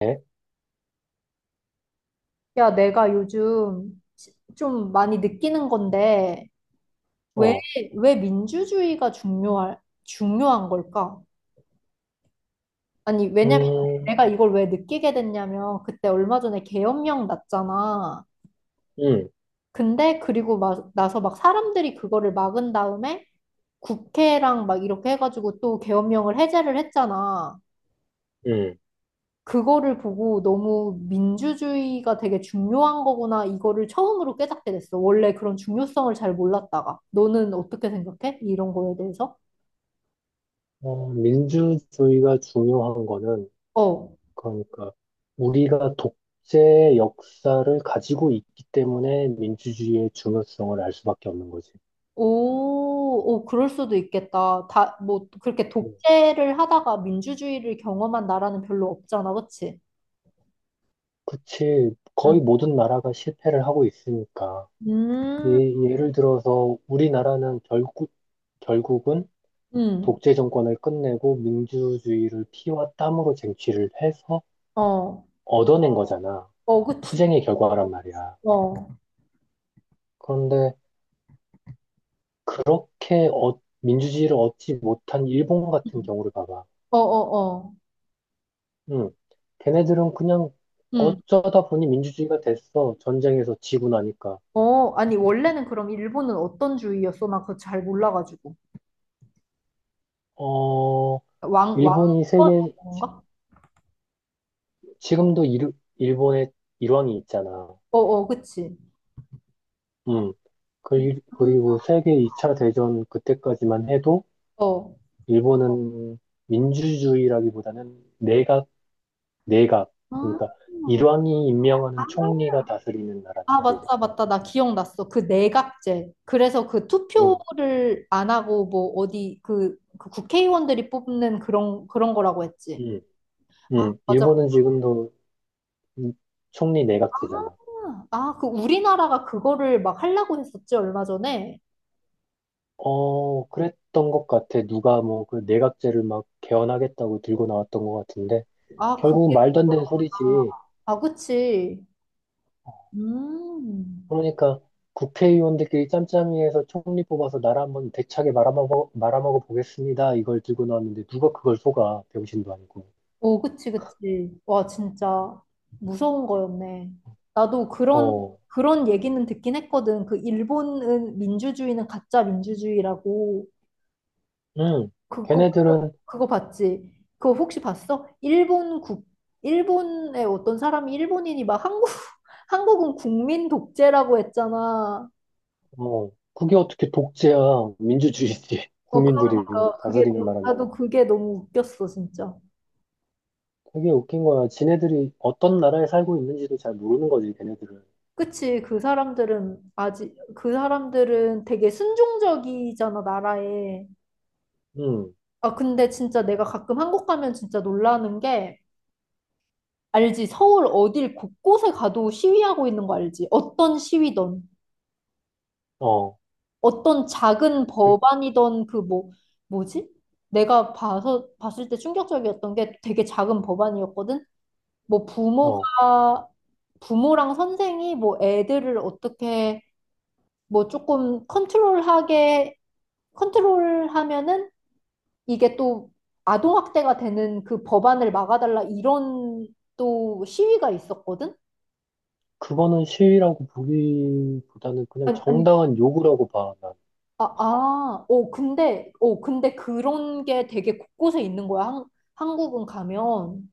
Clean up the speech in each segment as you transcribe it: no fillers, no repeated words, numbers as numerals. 네. 야, 내가 요즘 좀 많이 느끼는 건데, 왜, 어, 왜 민주주의가 중요할, 중요한 걸까? 아니, 왜냐면 음, 내가 이걸 왜 느끼게 됐냐면, 그때 얼마 전에 계엄령 났잖아. 음, 근데 그리고 막, 나서 막 사람들이 그거를 막은 다음에 국회랑 막 이렇게 해가지고 또 계엄령을 해제를 했잖아. 음. 그거를 보고 너무 민주주의가 되게 중요한 거구나, 이거를 처음으로 깨닫게 됐어. 원래 그런 중요성을 잘 몰랐다가. 너는 어떻게 생각해? 이런 거에 대해서? 민주주의가 중요한 거는, 어. 그러니까, 우리가 독재 역사를 가지고 있기 때문에 민주주의의 중요성을 알 수밖에 없는 거지. 오, 오, 그럴 수도 있겠다. 다, 뭐, 그렇게 음. 독재를 하다가 민주주의를 경험한 나라는 별로 없잖아, 그치? 그치. 거의 응. 모든 나라가 실패를 하고 있으니까. 예, 음, 예를 들어서, 결국은 음, 독재 정권을 끝내고 민주주의를 피와 땀으로 쟁취를 해서 어, 얻어낸 거잖아. 어, 그치. 투쟁의 결과란 말이야. 어, 그런데 그렇게 민주주의를 얻지 못한 일본 같은 음. 경우를 봐봐. 어, 어, 어. 음, 걔네들은 그냥 음. 어쩌다 보니 민주주의가 됐어. 전쟁에서 지고 나니까. 어, 아니, 원래는 그럼 일본은 어떤 주의였어? 나 그거 잘 몰라가지고. 어, 왕, 왕, 일본이 그 세계, 가 지금도 일, 일본의 일왕이 있잖아. 어, 어, 그치. 음, 그리- 음, 그리고 세계 2차 대전 그때까지만 해도 어. 일본은 민주주의라기보다는 내각, 내각. 아, 그러니까 일왕이 임명하는 총리가 다스리는 아, 나라지. 맞다, 맞다. 나 기억났어. 그 내각제. 그래서 그 음. 투표를 안 하고, 뭐, 어디, 그, 국회의원들이 뽑는 그런 거라고 했지. 음. 아, 맞아. 일본은 지금도 음, 총리 내각제잖아. 아, 아, 그 우리나라가 그거를 막 하려고 했었지, 얼마 전에. 어, 그랬던 것 같아. 누가 뭐 그 내각제를 막 개헌하겠다고 들고 나왔던 것 같은데. 아, 결국은 그게, 말도 안 그 되는 거 소리지. 아, 그치. 음. 그러니까 국회의원들끼리 짬짬이해서 총리 뽑아서 나라 한번 대차게 말아먹어, 말아먹어 보겠습니다. 이걸 들고 나왔는데 누가 그걸 속아. 병신도 아니고. 오, 그치, 그치. 와, 진짜 무서운 거였네. 나도 그런, 어, 그런 얘기는 듣긴 했거든. 그 일본은 민주주의는 가짜 민주주의라고. 음, 그거, 그거, 걔네들은, 그거 봤지? 그거 혹시 봤어? 일본 국, 일본의 어떤 사람이 일본인이 막 한국, 한국은 국민 독재라고 했잖아. 어, 그게 어떻게 독재야. 민주주의지. 어, 국민들이 그러니까 그게, 다스리는 나라니까. 나도 그게 너무 웃겼어, 진짜. 되게 웃긴 거야. 지네들이 어떤 나라에 살고 있는지도 잘 모르는 거지, 걔네들은. 그치, 그 사람들은 아직, 그 사람들은 되게 순종적이잖아, 나라에. 음, 아, 근데 진짜 내가 가끔 한국 가면 진짜 놀라는 게, 알지? 서울 어딜 곳곳에 가도 시위하고 있는 거 알지? 어떤 시위든, 어, 어떤 작은 그, 법안이든 그 뭐, 뭐지? 내가 봤을 때 충격적이었던 게 되게 작은 법안이었거든? 뭐 어, 부모가, 부모랑 선생이 뭐 애들을 어떻게 뭐 조금 컨트롤하게 컨트롤하면은 이게 또 아동학대가 되는 그 법안을 막아달라 이런 또 시위가 있었거든? 그거는 시위라고 보기보다는 그냥 아니, 아니, 정당한 요구라고 봐, 난. 아, 아, 어, 근데, 어, 근데 그런 게 되게 곳곳에 있는 거야, 한, 한국은 가면.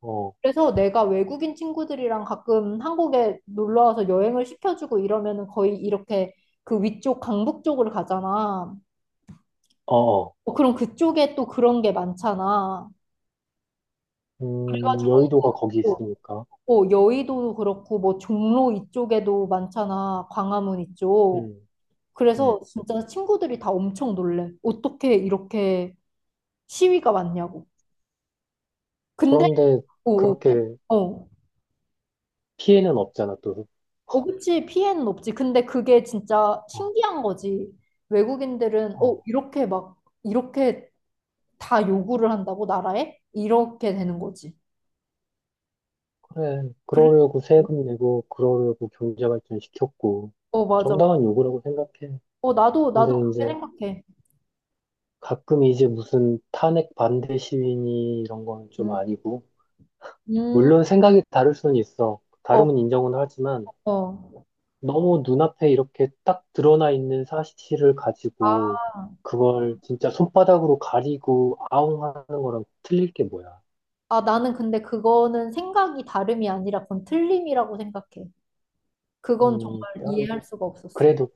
어, 그래서 내가 외국인 친구들이랑 가끔 한국에 놀러 와서 여행을 시켜주고 이러면은 거의 이렇게 그 위쪽 강북 쪽을 가잖아. 어, 어. 어, 그럼 그쪽에 또 그런 게 많잖아. 그래가지고 여의도가 거기 뭐 있으니까. 어, 여의도도 그렇고, 뭐, 종로 이쪽에도 많잖아. 광화문 이쪽. 음, 그래서 음. 진짜 친구들이 다 엄청 놀래. 어떻게 이렇게 시위가 많냐고. 근데, 그런데 어, 어, 그렇게 어, 피해는 없잖아, 또. 어, 그치. 피해는 없지. 근데 그게 진짜 어, 신기한 거지. 외국인들은, 어, 어, 이렇게 막, 이렇게 다 요구를 한다고, 나라에? 이렇게 되는 거지. 그래. 그래. 그러려고 세금 내고, 그러려고 경제 발전 시켰고, 어, 맞아. 정당한 요구라고 생각해. 어, 나도, 나도 근데 그렇게 이제 생각해. 가끔 이제 무슨 탄핵 반대 시위니 이런 거는 좀 음, 아니고, 음, 물론 생각이 다를 수는 있어. 어, 다름은 인정은 하지만, 어. 너무 눈앞에 이렇게 딱 드러나 있는 사실을 아, 가지고, 그걸 진짜 손바닥으로 가리고 아웅 하는 거랑 틀릴 게 뭐야. 아, 나는 근데 그거는 생각이 다름이 아니라 그건 틀림이라고 생각해. 그건 정말 그냥 이해할 수가 없었어. 그래도,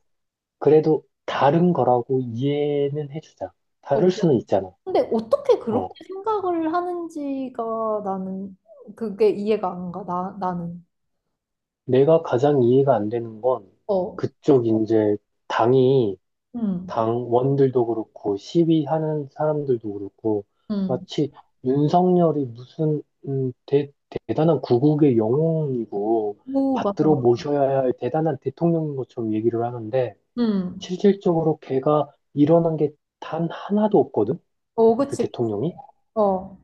그래도 다른 거라고 이해는 해주자. 어, 다를 그래. 수는 있잖아. 근데 어떻게 그렇게 어, 생각을 하는지가 나는 그게 이해가 안 가. 나, 나는. 내가 가장 이해가 안 되는 건, 어. 그쪽 이제 당이 음. 당원들도 그렇고 시위하는 사람들도 그렇고 음. 마치 윤석열이 무슨 음, 대, 대단한 구국의 영웅이고 오, 맞아, 받들어 맞아. 모셔야 할 대단한 대통령인 것처럼 얘기를 하는데 음. 실질적으로 걔가 일어난 게 단 하나도 없거든 어, 그 그치. 대통령이 어.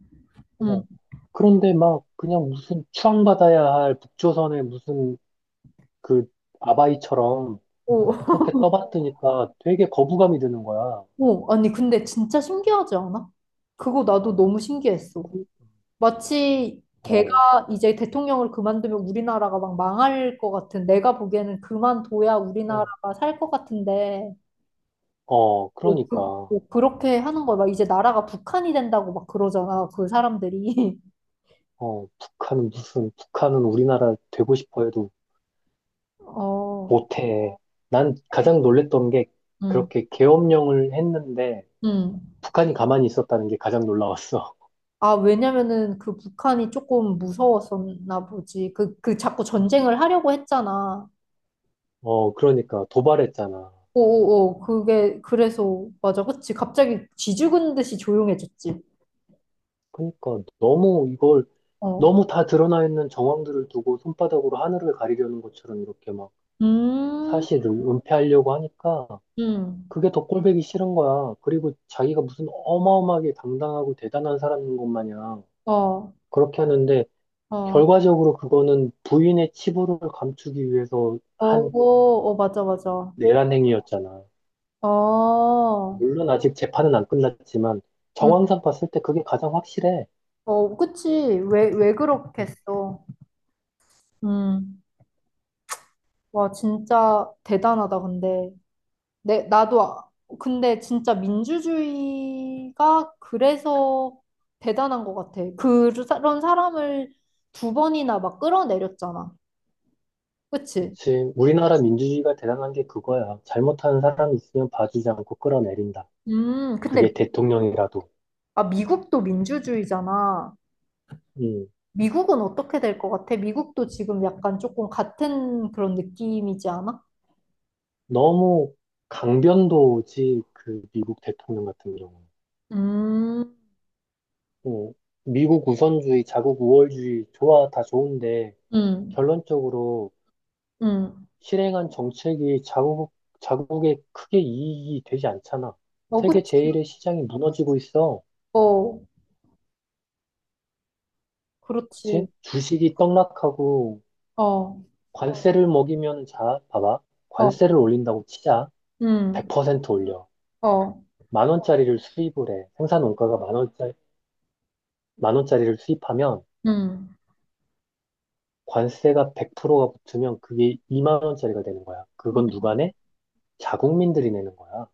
음. 어. 그런데 막 그냥 무슨 추앙받아야 할 북조선의 무슨 그 아바이처럼 오. 그렇게 떠받드니까 되게 거부감이 드는 거야. 오. 아니, 근데 진짜 신기하지 않아? 그거 나도 너무 신기했어. 그- 마치 어. 걔가 이제 대통령을 그만두면 우리나라가 막 망할 것 같은, 내가 보기에는 그만둬야 어. 우리나라가 살 것 같은데, 어, 뭐 그, 그러니까. 뭐 그렇게 하는 거야. 막 이제 나라가 북한이 된다고 막 그러잖아, 그 사람들이. 어, 북한은 무슨, 북한은 우리나라 되고 싶어 해도 어, 못해. 난 가장 놀랬던 게 응, 그렇게 계엄령을 했는데 응. 북한이 가만히 있었다는 게 가장 놀라웠어. 아, 왜냐면은 그 북한이 조금 무서웠었나 보지. 그, 그 자꾸 전쟁을 하려고 했잖아. 어, 그러니까 도발했잖아. 오오오, 그게, 그래서, 맞아, 그치. 갑자기 쥐 죽은 듯이 조용해졌지. 그러니까 너무 이걸 어. 너무 다 드러나 있는 정황들을 두고 손바닥으로 하늘을 가리려는 것처럼 이렇게 막 음. 사실을 은폐하려고 하니까 응. 그게 더 꼴보기 싫은 거야. 그리고 자기가 무슨 어마어마하게 당당하고 대단한 사람인 것 마냥 어, 그렇게 하는데 어, 결과적으로 그거는 부인의 치부를 감추기 위해서 어, 한 어, 맞아, 맞아. 내란 행위였잖아. 어, 물론 아직 재판은 안 끝났지만 응. 정황상 봤을 때 그게 가장 확실해. 어, 그치. 왜, 왜 음, 그렇겠어. 음. 와, 진짜 대단하다, 근데. 내, 나도, 아- 근데 진짜 민주주의가 그래서 대단한 것 같아. 그- 그런 사람을 두 번이나 막 끌어내렸잖아. 그치? 그치. 우리나라 민주주의가 대단한 게 그거야. 잘못하는 사람이 있으면 봐주지 않고 끌어내린다. 근데, 그게 대통령이라도. 아, 미국도 민주주의잖아. 음, 미국은 어떻게 될 것 같아? 미국도 지금 약간 조금 같은 그런 느낌이지 않아? 너무 강변도지 그 미국 대통령 같은 경우. 음, 어, 미국 우선주의, 자국 우월주의 좋아 다 좋은데 음, 결론적으로 음. 실행한 정책이 자국, 자국에 크게 이익이 되지 않잖아. 어, 그치. 세계 제일의 시장이 무너지고 있어. 어, 그렇지. 그치? 주식이 떡락하고 어, 관세를 먹이면 자, 봐봐. 어, 관세를 올린다고 치자. 음, 100% 올려. 어, 만 원짜리를 수입을 해. 생산 원가가 만 원짜리, 만 원짜리를 수입하면 음. 관세가 100%가 붙으면 그게 2만 원짜리가 되는 거야. 그건 누가 내? 자국민들이 내는 거야.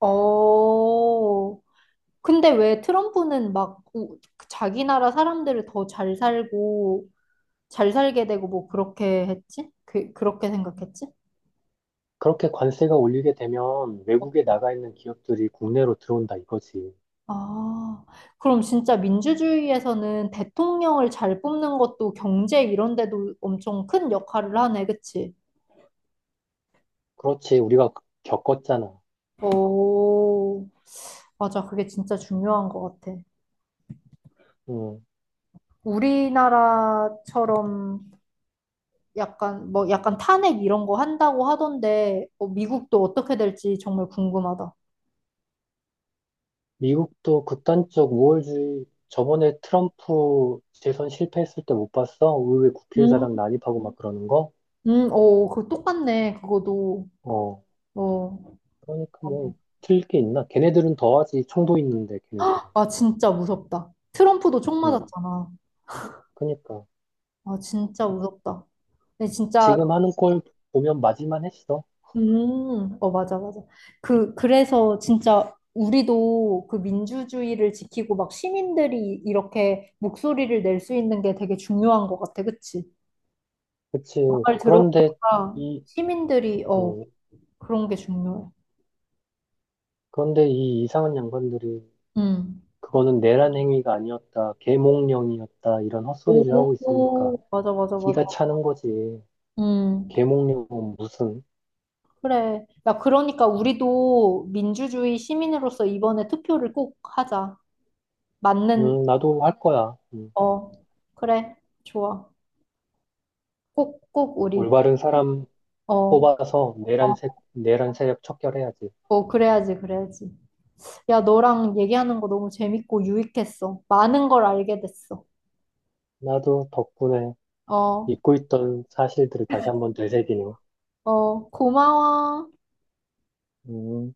어, 근데 왜 트럼프는 막 그 자기 나라 사람들을 더 잘 살게 되고 뭐 그렇게 했지? 그, 그렇게 생각했지? 그렇게 관세가 올리게 되면 외국에 나가 있는 기업들이 국내로 들어온다 이거지. 아, 그럼 진짜 민주주의에서는 대통령을 잘 뽑는 것도 경제 이런 데도 엄청 큰 역할을 하네, 그치? 그렇지. 우리가 겪었잖아. 오, 맞아. 그게 진짜 중요한 것 같아. 음. 우리나라처럼 약간, 뭐, 약간 탄핵 이런 거 한다고 하던데, 어, 미국도 어떻게 될지 정말 궁금하다. 미국도 극단적 우월주의 저번에 트럼프 재선 실패했을 때 못 봤어? 의회 음, 국회의사당 난입하고 막 그러는 거? 오, 그 똑같네, 그거도. 어. 어, 그러니까 뭐 틀릴 게 있나? 걔네들은 더하지. 총도 있는데 걔네들은. 아, 진짜 무섭다. 트럼프도 총 음. 맞았잖아. 그러니까 아, 진짜 무섭다. 근데 진짜 지금 하는 꼴 보면 맞을만 했어. 어, 맞아, 맞아. 그, 그래서 진짜 우리도 그 민주주의를 지키고 막 시민들이 이렇게 목소리를 낼 수 있는 게 되게 중요한 것 같아. 그치? 그치. 말 그런데 들어보니까 이 시민들이, 어, 음. 그런 게 중요해. 그런데 이 이상한 양반들이 음. 그거는 내란 행위가 아니었다. 계몽령이었다. 이런 헛소리를 하고 있으니까 오, 맞아, 맞아, 맞아. 기가 차는 거지. 음, 계몽룡은 무슨, 그래. 야, 그러니까 우리도 민주주의 시민으로서 이번에 투표를 꼭 하자. 맞는, 나도 할 거야. 어, 그래. 좋아. 꼭, 꼭 우리, 올바른 사람 어. 뽑아서 내란 세력 척결해야지. 어, 그래야지, 그래야지. 야, 너랑 얘기하는 거 너무 재밌고 유익했어. 많은 걸 알게 됐어. 나도 덕분에 어, 잊고 있던 사실들을 다시 한번 되새기네. 어, 고마워. 음.